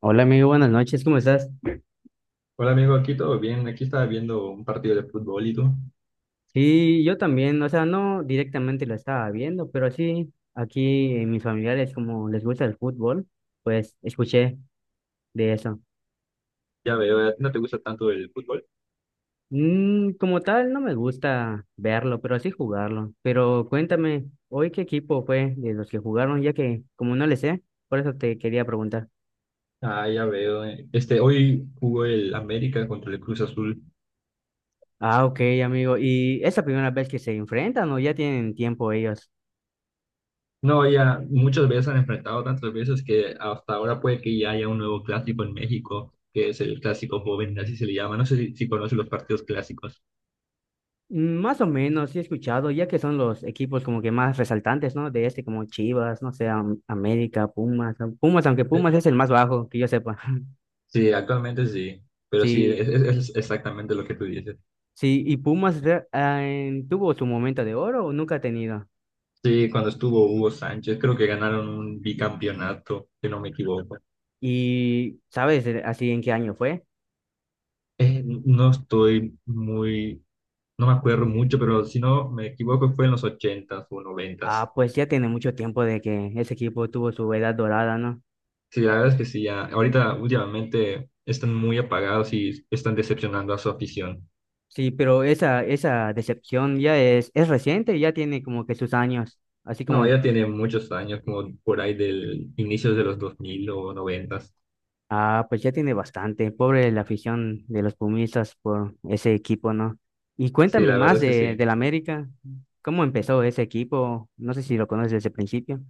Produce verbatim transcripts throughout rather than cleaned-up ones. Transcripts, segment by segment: Hola amigo, buenas noches, ¿cómo estás? Hola amigo, aquí todo bien. Aquí estaba viendo un partido de fútbol y tú. Sí, yo también, o sea, no directamente lo estaba viendo, pero sí, aquí en mis familiares, como les gusta el fútbol, pues escuché de eso. Ya veo, ¿a ti no te gusta tanto el fútbol? Mm, como tal, no me gusta verlo, pero sí jugarlo. Pero cuéntame, ¿hoy qué equipo fue de los que jugaron? Ya que como no le sé, por eso te quería preguntar. Ah, ya veo. eh. Este, hoy jugó el América contra el Cruz Azul. Ah, ok, amigo, ¿y es la primera vez que se enfrentan o ya tienen tiempo ellos? No, ya muchas veces han enfrentado tantas veces que hasta ahora puede que ya haya un nuevo clásico en México, que es el clásico joven, así se le llama. No sé si, si conoces los partidos clásicos. Mm, más o menos, sí he escuchado, ya que son los equipos como que más resaltantes, ¿no? De este, como Chivas, no sé, Am- América, Pumas, ¿no? Pumas, aunque Eh, Pumas es el más bajo, que yo sepa. Sí, actualmente sí, pero sí, es, Sí, es- es exactamente lo que tú dices. sí, y Pumas re- ah, en- tuvo su momento de oro o nunca ha tenido. Sí, cuando estuvo Hugo Sánchez, creo que ganaron un bicampeonato, si no me equivoco. Y, ¿sabes eh, así en qué año fue? Eh, no estoy muy, no me acuerdo mucho, pero si no me equivoco fue en los ochentas o noventas. Ah, pues ya tiene mucho tiempo de que ese equipo tuvo su edad dorada, ¿no? Sí, la verdad es que sí, ya, ahorita últimamente están muy apagados y están decepcionando a su afición. Sí, pero esa, esa decepción ya es, es reciente, ya tiene como que sus años, así No, como. ella tiene muchos años, como por ahí del inicio de los dos mil o noventas. Ah, pues ya tiene bastante. Pobre la afición de los Pumistas por ese equipo, ¿no? Y Sí, cuéntame la más verdad es que de, sí. del América. ¿Cómo empezó ese equipo? No sé si lo conoces desde el principio.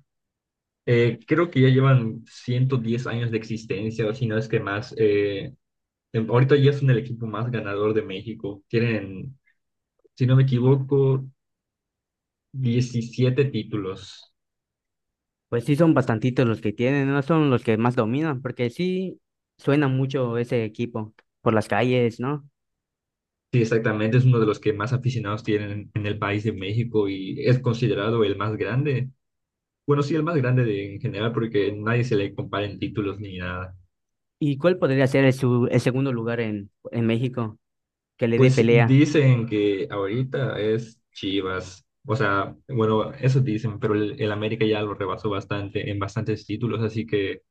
Eh, creo que ya llevan ciento diez años de existencia, o si no es que más. Eh, em- ahorita ya son el equipo más ganador de México. Tienen, si no me equivoco, diecisiete títulos. Pues sí, son bastantitos los que tienen, no son los que más dominan, porque sí suena mucho ese equipo por las calles, ¿no? Sí, exactamente, es uno de los que más aficionados tienen en, en el país de México y es considerado el más grande. Bueno, sí, el más grande de- en general, porque nadie se le compara en títulos ni nada. ¿Y cuál podría ser el, su- el segundo lugar en, en México que le dé Pues pelea? dicen que ahorita es Chivas. O sea, bueno, eso dicen, pero el, el América ya lo rebasó bastante en bastantes títulos, así que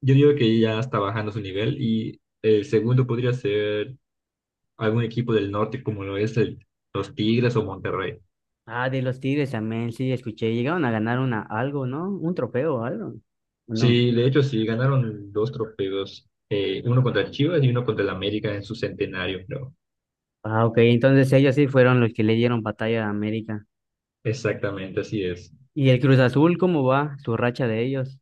yo digo que ya está bajando su nivel y el segundo podría ser algún equipo del norte como lo es el, los Tigres o Monterrey. Ah, de los Tigres también, sí, escuché. Llegaron a ganar una, algo, ¿no? Un trofeo o algo. ¿O no? Sí, de hecho sí, ganaron dos trofeos, eh, uno contra Chivas y uno contra el América en su centenario, creo. Ah, ok, entonces ellos sí fueron los que le dieron batalla a América. Exactamente, así es. ¿Y el Cruz Azul, cómo va su racha de ellos?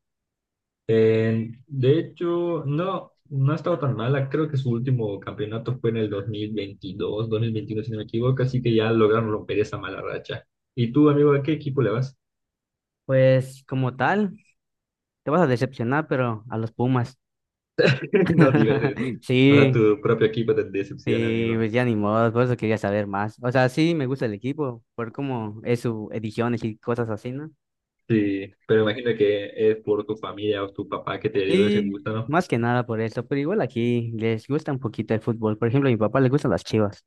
Eh, de hecho, no, no ha estado tan mala, creo que su último campeonato fue en el dos mil veintidós, dos mil veintiuno si no me equivoco, así que ya lograron romper esa mala racha. ¿Y tú, amigo, a qué equipo le vas? Pues como tal, te vas a decepcionar, pero a los Pumas. No digas eso. O sea, Sí, tu propio equipo te decepciona, sí, amigo. pues ya ni modo, por eso quería saber más. O sea, sí me gusta el equipo, por cómo es su ediciones y cosas así, ¿no? Sí, pero imagino que es por tu familia o tu papá que te heredó ese Sí, gusto, ¿no? más que nada por eso, pero igual aquí les gusta un poquito el fútbol. Por ejemplo, a mi papá le gustan las Chivas.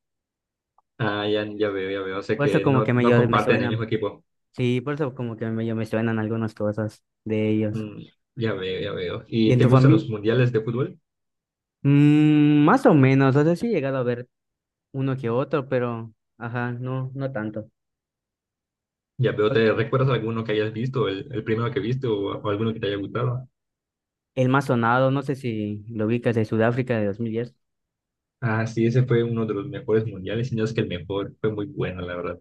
Ah, ya, ya veo, ya veo. O sea Por eso que como no, que no medio me comparten el mismo suenan. equipo. Sí, por eso como que medio me suenan algunas cosas de ellos. Mm, ya veo, ya veo. ¿Y ¿Y en te tu gustan familia? los mundiales de fútbol? Mm, más o menos, o sea, sí he llegado a ver uno que otro, pero, ajá, no, no tanto. Ya veo, ¿te recuerdas alguno que hayas visto, el, el primero que viste o, o alguno que te haya gustado? El más sonado, no sé si lo ubicas, de Sudáfrica de dos mil diez. Ah, sí, ese fue uno de los mejores mundiales, y no es que el mejor, fue muy bueno, la verdad.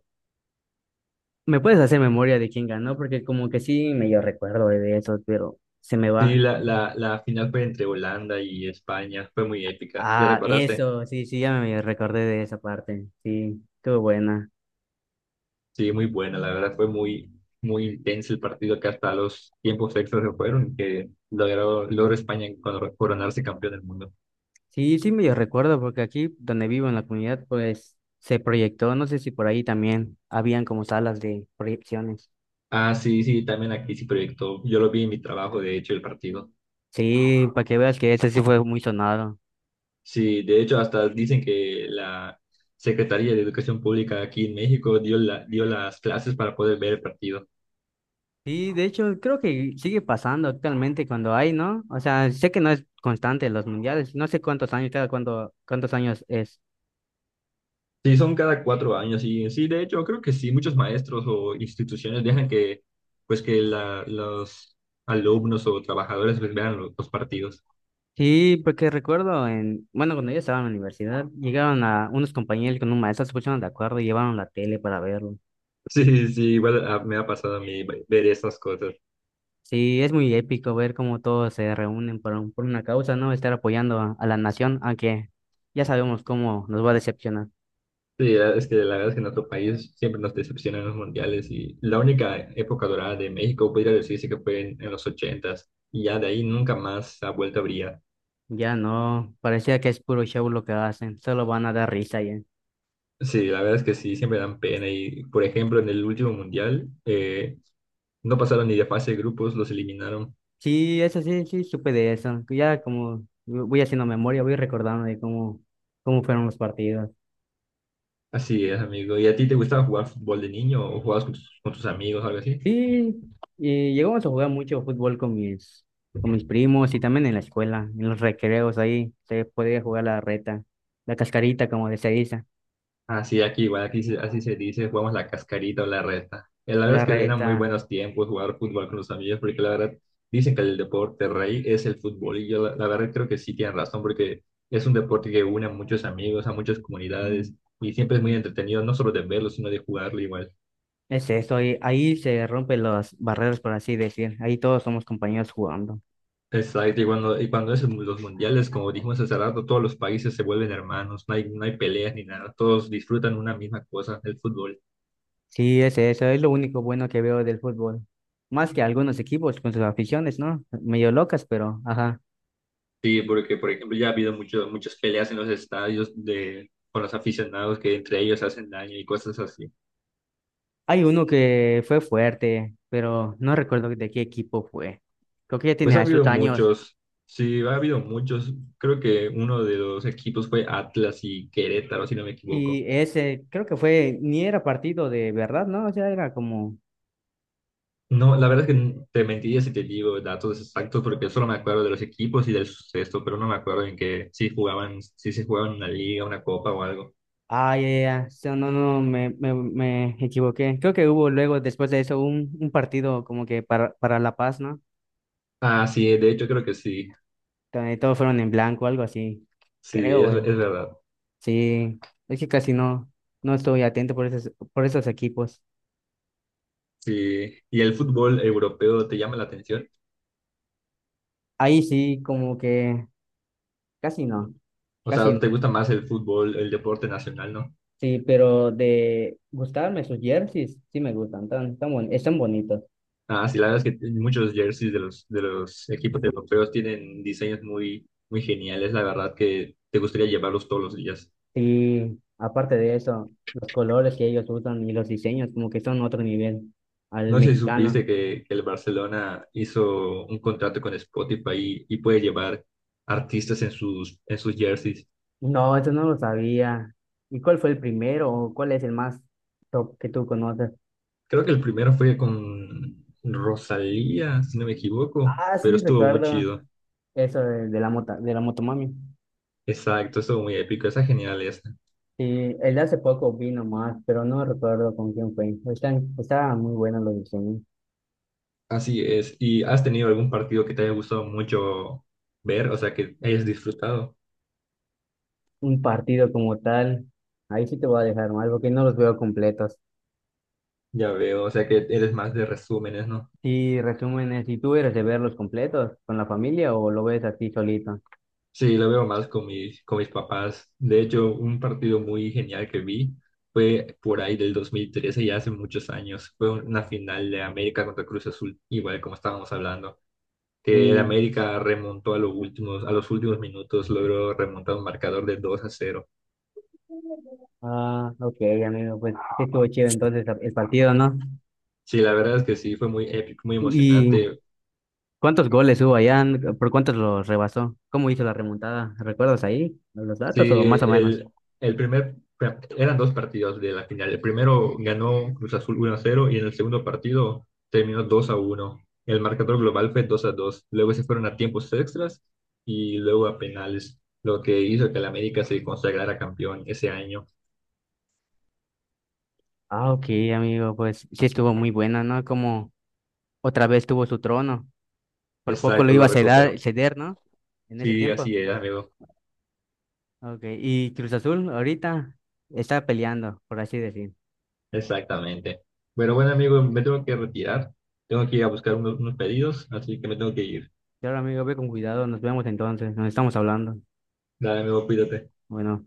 ¿Me puedes hacer memoria de quién ganó? Porque como que sí, medio recuerdo de eso, pero se me Sí, va. la, la, la final fue entre Holanda y España, fue muy épica. ¿Ya Ah, recordaste? eso, sí, sí, ya me recordé de esa parte. Sí, estuvo buena. Sí, muy buena, la verdad, fue muy, muy intenso el partido que hasta los tiempos extras se fueron, que logró, logró España coron- coronarse campeón del mundo. Sí, sí, medio recuerdo, porque aquí donde vivo en la comunidad, pues se proyectó, no sé si por ahí también habían como salas de proyecciones. Ah, sí, sí, también aquí sí proyectó. Yo lo vi en mi trabajo, de hecho, el partido. Sí, para que veas que ese sí fue muy sonado. Sí, de hecho, hasta dicen que la Secretaría de Educación Pública aquí en México dio la, dio las clases para poder ver el partido. Sí, de hecho, creo que sigue pasando actualmente cuando hay, ¿no? O sea, sé que no es constante los mundiales, no sé cuántos años, cada cuánto, cuántos años es. Sí, son cada cuatro años y sí, de hecho, creo que sí, muchos maestros o instituciones dejan que, pues, que la- los alumnos o trabajadores pues, vean lo- los partidos. Sí, porque recuerdo en, bueno, cuando yo estaba en la universidad, llegaron a unos compañeros con un maestro, se pusieron de acuerdo y llevaron la tele para verlo. Sí, sí, sí, igual ah, me ha pasado a mí ver esas cosas. Sí, es muy épico ver cómo todos se reúnen por, un- por una causa, ¿no? Estar apoyando a, a la nación, aunque ya sabemos cómo nos va a decepcionar. Sí, la- es que la verdad es que en nuestro país siempre nos decepcionan los mundiales y la única época dorada de México podría decirse que fue en, en los ochentas y ya de ahí nunca más ha vuelto a brillar. Ya no, parecía que es puro show lo que hacen, solo van a dar risa ya. Sí, la verdad es que sí, siempre dan pena y por ejemplo en el último mundial eh, no pasaron ni de fase de grupos, los eliminaron. Sí, eso sí, sí, supe de eso. Ya como voy haciendo memoria, voy recordando de cómo, cómo fueron los partidos. Así es, amigo. ¿Y a ti te gustaba jugar fútbol de niño o jugabas con tus, con tus amigos o algo así? Sí, y llegamos a jugar mucho fútbol con mis, con mis primos y también en la escuela, en los recreos ahí se podía jugar la reta, la cascarita como de se dice, Así aquí, igual aquí se- así se dice, jugamos la cascarita o la reta. Y la verdad la es que eran muy reta, buenos tiempos jugar fútbol con los amigos, porque la verdad dicen que el deporte rey es el fútbol. Y yo la, la verdad creo que sí tienen razón, porque es un deporte que une a muchos amigos, a muchas comunidades, y siempre es muy entretenido, no solo de verlo, sino de jugarlo igual. es eso, ahí, ahí se rompen las barreras por así decir, ahí todos somos compañeros jugando. Exacto, y cuando, y cuando es en los mundiales, como dijimos hace rato, todos los países se vuelven hermanos, no hay, no hay peleas ni nada, todos disfrutan una misma cosa, el fútbol. Sí, ese, eso es lo único bueno que veo del fútbol. Más que algunos equipos con sus aficiones, ¿no? Medio locas, pero ajá. Sí, porque por ejemplo ya ha habido mucho- muchas peleas en los estadios de, con los aficionados que entre ellos hacen daño y cosas así. Hay uno que fue fuerte, pero no recuerdo de qué equipo fue. Creo que ya Pues ha tenía sus habido años. muchos, sí, ha habido muchos. Creo que uno de los equipos fue Atlas y Querétaro, si no me equivoco. Y ese, creo que fue, ni era partido de verdad, ¿no? O sea, era como. No, la verdad es que te mentiría si te digo datos exactos porque solo me acuerdo de los equipos y del suceso, pero no me acuerdo en que si jugaban, si se jugaban una liga, una copa o algo. ah ya, ya, so- no, no, me, me, me equivoqué. Creo que hubo luego, después de eso, un, un partido como que para, para La Paz, ¿no? Ah, sí, de hecho creo que sí, Donde todos fueron en blanco, algo así. sí, Creo, es, güey. es verdad. Sí, es que casi no, no estoy atento por esos, por esos equipos. Sí. ¿Y el fútbol europeo te llama la atención? Ahí sí, como que casi no, O casi sea, no. te gusta más el fútbol, el deporte nacional, ¿no? Sí, pero de gustarme sus jerseys, sí me gustan, tan, tan bon- están bonitos. Ah, sí, la verdad es que muchos jerseys de los, de los equipos europeos tienen diseños muy, muy geniales, la verdad que te gustaría llevarlos todos los días. Sí, aparte de eso, los colores que ellos usan y los diseños como que son otro nivel al No sé si mexicano. supiste que, que el Barcelona hizo un contrato con Spotify y, y puede llevar artistas en sus, en sus jerseys. No, eso no lo sabía. ¿Y cuál fue el primero o cuál es el más top que tú conoces? Creo que el primero fue con Rosalía, si no me equivoco, Ah, pero sí, estuvo muy recuerdo chido. eso de, de la mota, de la motomami. Exacto, estuvo muy épico, esa genial. Sí, el de hace poco vino más, pero no recuerdo con quién fue. Están, estaban muy buenos los diseños. Así es. ¿Y has tenido algún partido que te haya gustado mucho ver? O sea, que hayas disfrutado. Un partido como tal, ahí sí te voy a dejar mal porque no los veo completos. Ya veo. O sea, que eres más de resúmenes, ¿no? Y resúmenes, ¿y tú eres de verlos completos con la familia o lo ves así solito? Sí, lo veo más con mis, con mis papás. De hecho, un partido muy genial que vi fue por ahí del dos mil trece, ya hace muchos años. Fue una final de América contra Cruz Azul, igual como estábamos hablando. Que el Y, América remontó a los últimos, a los últimos minutos, logró remontar un marcador de dos a cero. ah, ok, amigo, pues sí estuvo chido entonces el partido, ¿no? Sí, la verdad es que sí, fue muy épico, muy ¿Y emocionante. cuántos goles hubo allá? ¿Por cuántos los rebasó? ¿Cómo hizo la remontada? ¿Recuerdas ahí los datos Sí, o más o menos? el, el primer, bueno, eran dos partidos de la final. El primero ganó Cruz Azul uno a cero y en el segundo partido terminó dos a uno. El marcador global fue dos a dos. Luego se fueron a tiempos extras y luego a penales, lo que hizo que el América se consagrara campeón ese año. Ah, ok, amigo, pues sí estuvo muy buena, ¿no? Como otra vez tuvo su trono. Por poco lo Exacto, iba lo a ceder, recuperó. ceder, ¿no? En ese Sí, tiempo. así es, amigo. Okay. Y Cruz Azul ahorita está peleando, por así decir. Exactamente. Pero bueno, amigo, me tengo que retirar. Tengo que ir a buscar unos, unos pedidos, así que me tengo que ir. Claro, amigo, ve con cuidado. Nos vemos entonces. Nos estamos hablando. Dale, amigo, cuídate. Bueno.